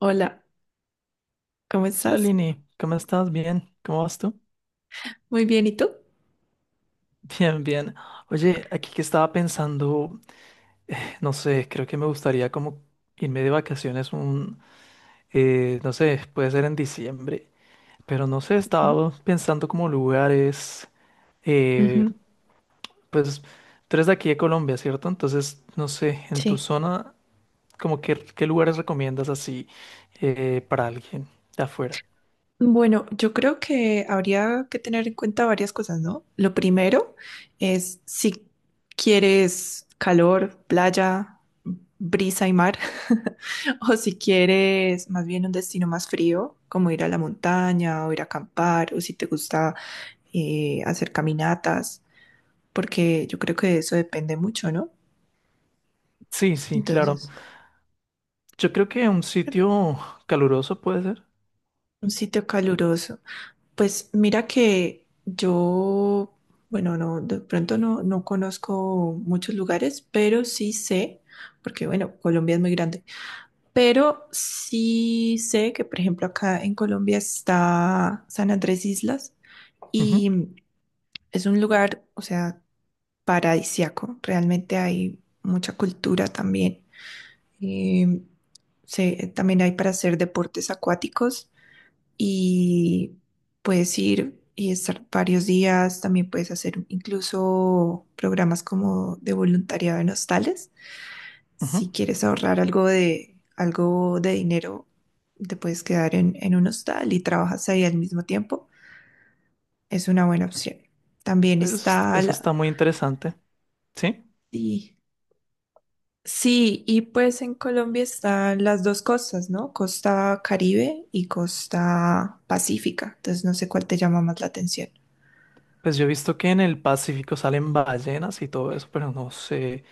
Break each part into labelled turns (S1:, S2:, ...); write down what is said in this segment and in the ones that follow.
S1: Hola, ¿cómo
S2: Hola
S1: estás?
S2: Lini, ¿cómo estás? Bien, ¿cómo vas tú?
S1: Muy bien, ¿y tú?
S2: Bien. Oye, aquí que estaba pensando, no sé, creo que me gustaría como irme de vacaciones un, no sé, puede ser en diciembre, pero no sé, estaba pensando como lugares,
S1: Ujú, ujú.
S2: eh, pues tú eres de aquí de Colombia, ¿cierto? Entonces, no sé, en tu
S1: Sí.
S2: zona, como que, ¿qué lugares recomiendas así para alguien de afuera?
S1: Bueno, yo creo que habría que tener en cuenta varias cosas, ¿no? Lo primero es si quieres calor, playa, brisa y mar, o si quieres más bien un destino más frío, como ir a la montaña o ir a acampar, o si te gusta hacer caminatas, porque yo creo que eso depende mucho, ¿no?
S2: Sí, sí, claro.
S1: Entonces,
S2: Yo creo que un sitio caluroso puede ser.
S1: un sitio caluroso. Pues mira que yo, bueno, no, de pronto no conozco muchos lugares, pero sí sé, porque bueno, Colombia es muy grande, pero sí sé que, por ejemplo, acá en Colombia está San Andrés Islas
S2: Ujú,
S1: y es un lugar, o sea, paradisíaco. Realmente hay mucha cultura también. Em, también hay para hacer deportes acuáticos y puedes ir y estar varios días. También puedes hacer incluso programas como de voluntariado en hostales.
S2: ujú.
S1: Si quieres ahorrar algo de dinero, te puedes quedar en un hostal y trabajas ahí al mismo tiempo. Es una buena opción. También
S2: Pues,
S1: está
S2: eso está
S1: la...
S2: muy interesante, ¿sí?
S1: Sí, sí, y pues en Colombia están las dos costas, ¿no? Costa Caribe y costa Pacífica. Entonces no sé cuál te llama más la atención.
S2: Pues yo he visto que en el Pacífico salen ballenas y todo eso, pero no sé,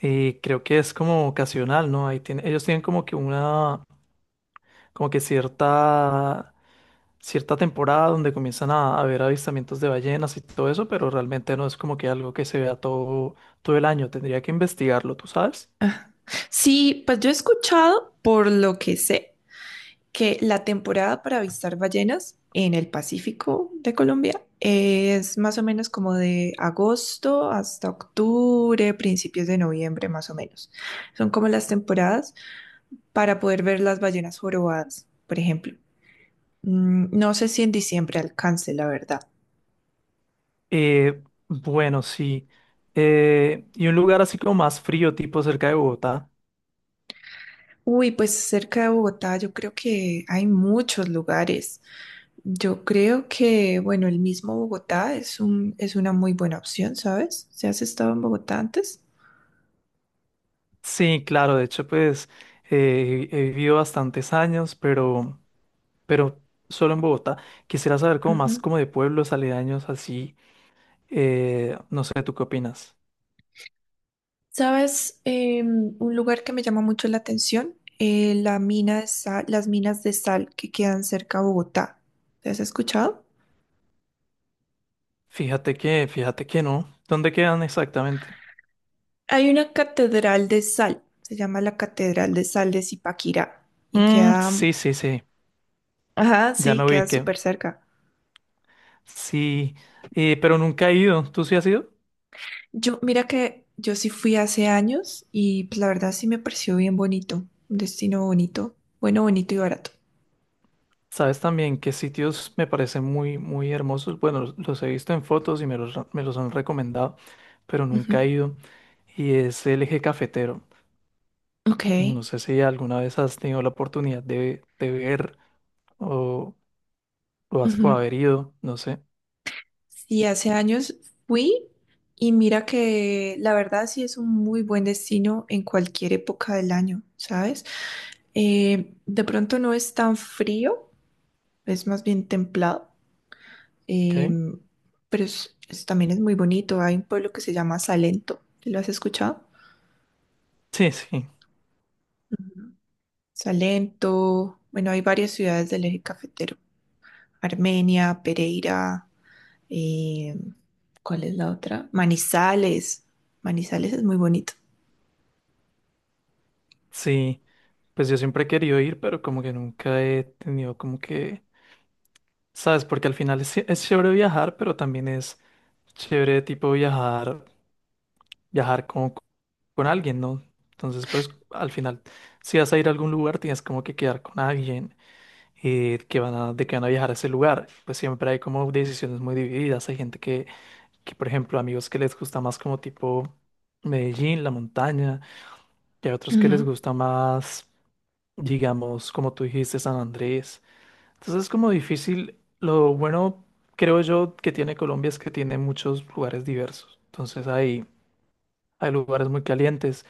S2: creo que es como ocasional, ¿no? Ahí tiene, ellos tienen como que una, como que cierta, cierta temporada donde comienzan a haber avistamientos de ballenas y todo eso, pero realmente no es como que algo que se vea todo el año. Tendría que investigarlo, ¿tú sabes?
S1: Sí, pues yo he escuchado, por lo que sé, que la temporada para avistar ballenas en el Pacífico de Colombia es más o menos como de agosto hasta octubre, principios de noviembre, más o menos. Son como las temporadas para poder ver las ballenas jorobadas, por ejemplo. Mm, no sé si en diciembre alcance, la verdad.
S2: Eh, bueno, sí. Y un lugar así como más frío, tipo cerca de Bogotá.
S1: Uy, pues cerca de Bogotá yo creo que hay muchos lugares. Yo creo que, bueno, el mismo Bogotá es una muy buena opción, ¿sabes? ¿Si has estado en Bogotá antes?
S2: Sí, claro, de hecho, pues he vivido bastantes años, pero solo en Bogotá. Quisiera saber como más
S1: Ujú.
S2: como de pueblos aledaños así. No sé, ¿tú qué opinas?
S1: ¿Sabes? Un lugar que me llama mucho la atención, la las minas de sal que quedan cerca a Bogotá. ¿Te has escuchado?
S2: Fíjate que no. ¿Dónde quedan exactamente?
S1: Hay una catedral de sal, se llama la Catedral de Sal de Zipaquirá y
S2: Mm,
S1: queda,
S2: sí, sí, sí.
S1: ajá,
S2: Ya
S1: sí,
S2: me
S1: queda
S2: ubiqué.
S1: súper cerca.
S2: Sí, pero nunca he ido. ¿Tú sí has ido?
S1: Yo, mira que yo sí fui hace años y pues, la verdad sí me pareció bien bonito. Un destino bonito, bueno, bonito y barato.
S2: Sabes también qué sitios me parecen muy, muy hermosos. Bueno, los he visto en fotos y me los han recomendado, pero
S1: Ujú.
S2: nunca he ido. Y es el eje cafetero.
S1: Ok.
S2: No sé si alguna vez has tenido la oportunidad de ver. o, o
S1: Ujú.
S2: haber ido, no sé.
S1: Sí, hace años fui y mira que la verdad sí es un muy buen destino en cualquier época del año, ¿sabes? De pronto no es tan frío, es más bien templado,
S2: ¿Ok?
S1: em, pero también es muy bonito. Hay un pueblo que se llama Salento. ¿Lo has escuchado?
S2: Sí, sí,
S1: Ujú. Salento, bueno, hay varias ciudades del eje cafetero. Armenia, Pereira, eh, ¿cuál es la otra? Manizales. Manizales es muy bonito.
S2: sí. Pues yo siempre he querido ir, pero como que nunca he tenido como que, ¿sabes? Porque al final es, sí, es chévere viajar, pero también es chévere tipo viajar, viajar con alguien, ¿no? Entonces, pues al final, si vas a ir a algún lugar, tienes como que quedar con alguien que van a viajar a ese lugar. Pues siempre hay como decisiones muy divididas. Hay gente que, por ejemplo, amigos que les gusta más como tipo Medellín, la montaña. Y hay otros que les
S1: Ujú.
S2: gusta más, digamos, como tú dijiste, San Andrés. Entonces es como difícil. Lo bueno, creo yo, que tiene Colombia es que tiene muchos lugares diversos. Entonces hay lugares muy calientes,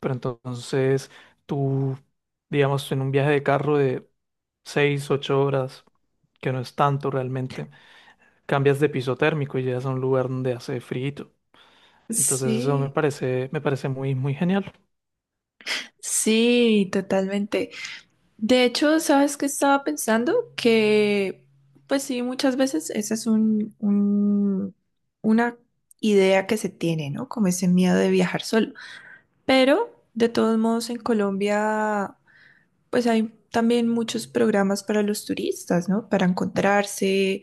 S2: pero entonces tú, digamos, en un viaje de carro de 6 8 horas, que no es tanto realmente, cambias de piso térmico y llegas a un lugar donde hace frío. Entonces eso
S1: Sí,
S2: me parece muy, muy genial.
S1: sí, totalmente. De hecho, ¿sabes qué estaba pensando? Que, pues sí, muchas veces esa una idea que se tiene, ¿no? Como ese miedo de viajar solo. Pero, de todos modos, en Colombia pues hay también muchos programas para los turistas, ¿no? Para encontrarse,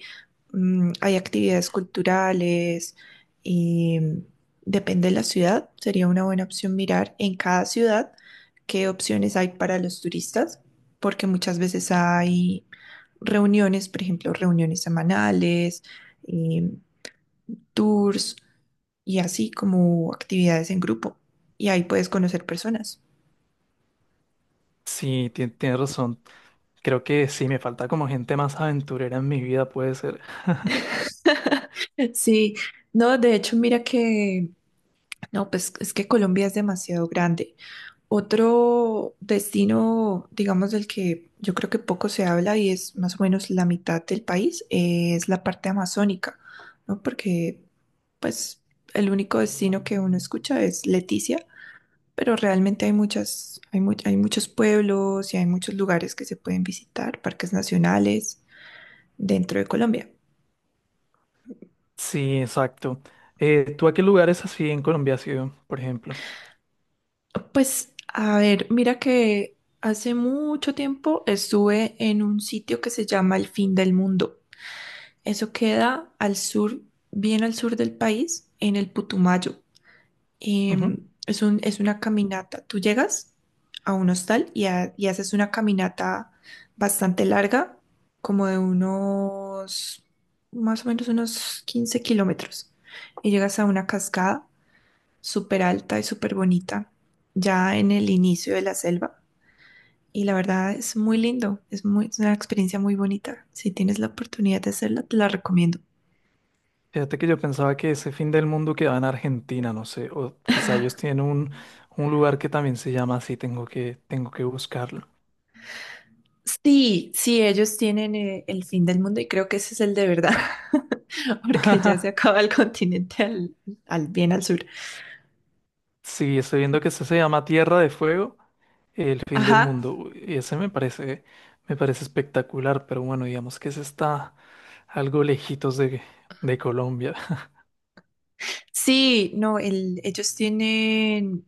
S1: mm, hay actividades culturales y mm, depende de la ciudad, sería una buena opción mirar en cada ciudad qué opciones hay para los turistas, porque muchas veces hay reuniones, por ejemplo, reuniones semanales, eh, tours y así como actividades en grupo, y ahí puedes conocer personas.
S2: Sí, tienes razón. Creo que sí, me falta como gente más aventurera en mi vida, puede ser.
S1: Sí, no, de hecho, mira que no, pues es que Colombia es demasiado grande. Otro destino, digamos, del que yo creo que poco se habla y es más o menos la mitad del país, es la parte amazónica, ¿no? Porque, pues, el único destino que uno escucha es Leticia, pero realmente hay hay muchos pueblos y hay muchos lugares que se pueden visitar, parques nacionales dentro de Colombia.
S2: Sí, exacto. ¿Tú a qué lugares así en Colombia has ido, por ejemplo?
S1: Pues, a ver, mira que hace mucho tiempo estuve en un sitio que se llama El Fin del Mundo. Eso queda al sur, bien al sur del país, en el Putumayo.
S2: Ujú.
S1: Em, es una caminata. Tú llegas a un hostal y haces una caminata bastante larga, como de unos, más o menos unos 15 kilómetros. Y llegas a una cascada súper alta y súper bonita, ya en el inicio de la selva. Y la verdad es muy lindo, es muy, es una experiencia muy bonita. Si tienes la oportunidad de hacerla, te la recomiendo.
S2: Fíjate que yo pensaba que ese fin del mundo quedaba en Argentina, no sé, o quizá ellos tienen un lugar que también se llama así, tengo que buscarlo.
S1: Sí, sí, ellos tienen el fin del mundo y creo que ese es el de verdad, porque ya se acaba el continente bien al sur.
S2: Sí, estoy viendo que ese se llama Tierra de Fuego, el fin del
S1: Ajá,
S2: mundo, uy, y me parece espectacular, pero bueno, digamos que ese está algo lejitos de Colombia.
S1: sí, no, ellos tienen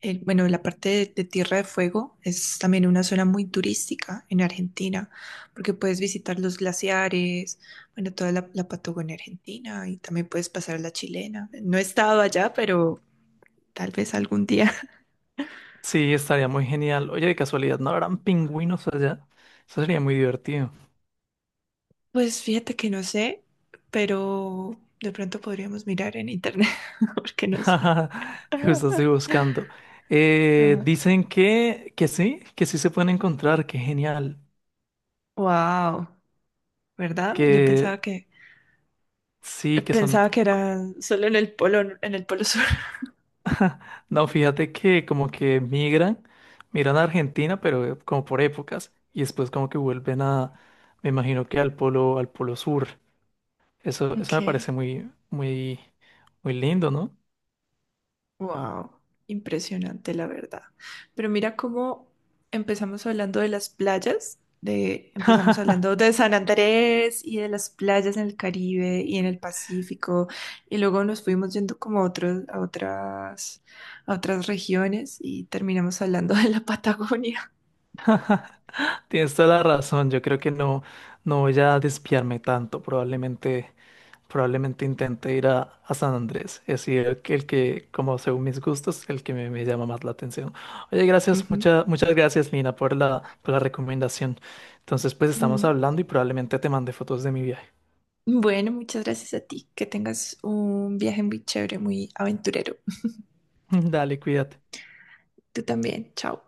S1: bueno, la parte de Tierra de Fuego es también una zona muy turística en Argentina, porque puedes visitar los glaciares, bueno, toda la Patagonia Argentina y también puedes pasar a la chilena. No he estado allá, pero tal vez algún día.
S2: Sí, estaría muy genial. Oye, de casualidad, ¿no habrán pingüinos allá? Eso sería muy divertido.
S1: Pues fíjate que no sé, pero de pronto podríamos mirar en internet, porque no sé.
S2: Justo estoy buscando. Dicen que sí se pueden encontrar, qué genial.
S1: Wow, ¿verdad? Yo
S2: Que sí, que son...
S1: pensaba que era solo en el polo sur.
S2: No, fíjate que como que migran, migran a Argentina, pero como por épocas, y después como que vuelven me imagino que al polo sur. Eso me
S1: Ok.
S2: parece muy, muy, muy lindo, ¿no?
S1: Wow, impresionante la verdad. Pero mira cómo empezamos hablando de las playas, de empezamos hablando de San Andrés y de las playas en el Caribe y en el Pacífico y luego nos fuimos yendo como a otras regiones y terminamos hablando de la Patagonia.
S2: Tienes toda la razón, yo creo que no voy a despiarme tanto, probablemente, probablemente intente ir a San Andrés, es decir, como según mis gustos, el que me llama más la atención. Oye, gracias,
S1: Ujú.
S2: muchas muchas gracias, Lina, por por la recomendación. Entonces, pues estamos
S1: Mm.
S2: hablando y probablemente te mande fotos de mi viaje.
S1: Bueno, muchas gracias a ti. Que tengas un viaje muy chévere, muy aventurero.
S2: Dale, cuídate.
S1: Tú también. Chao.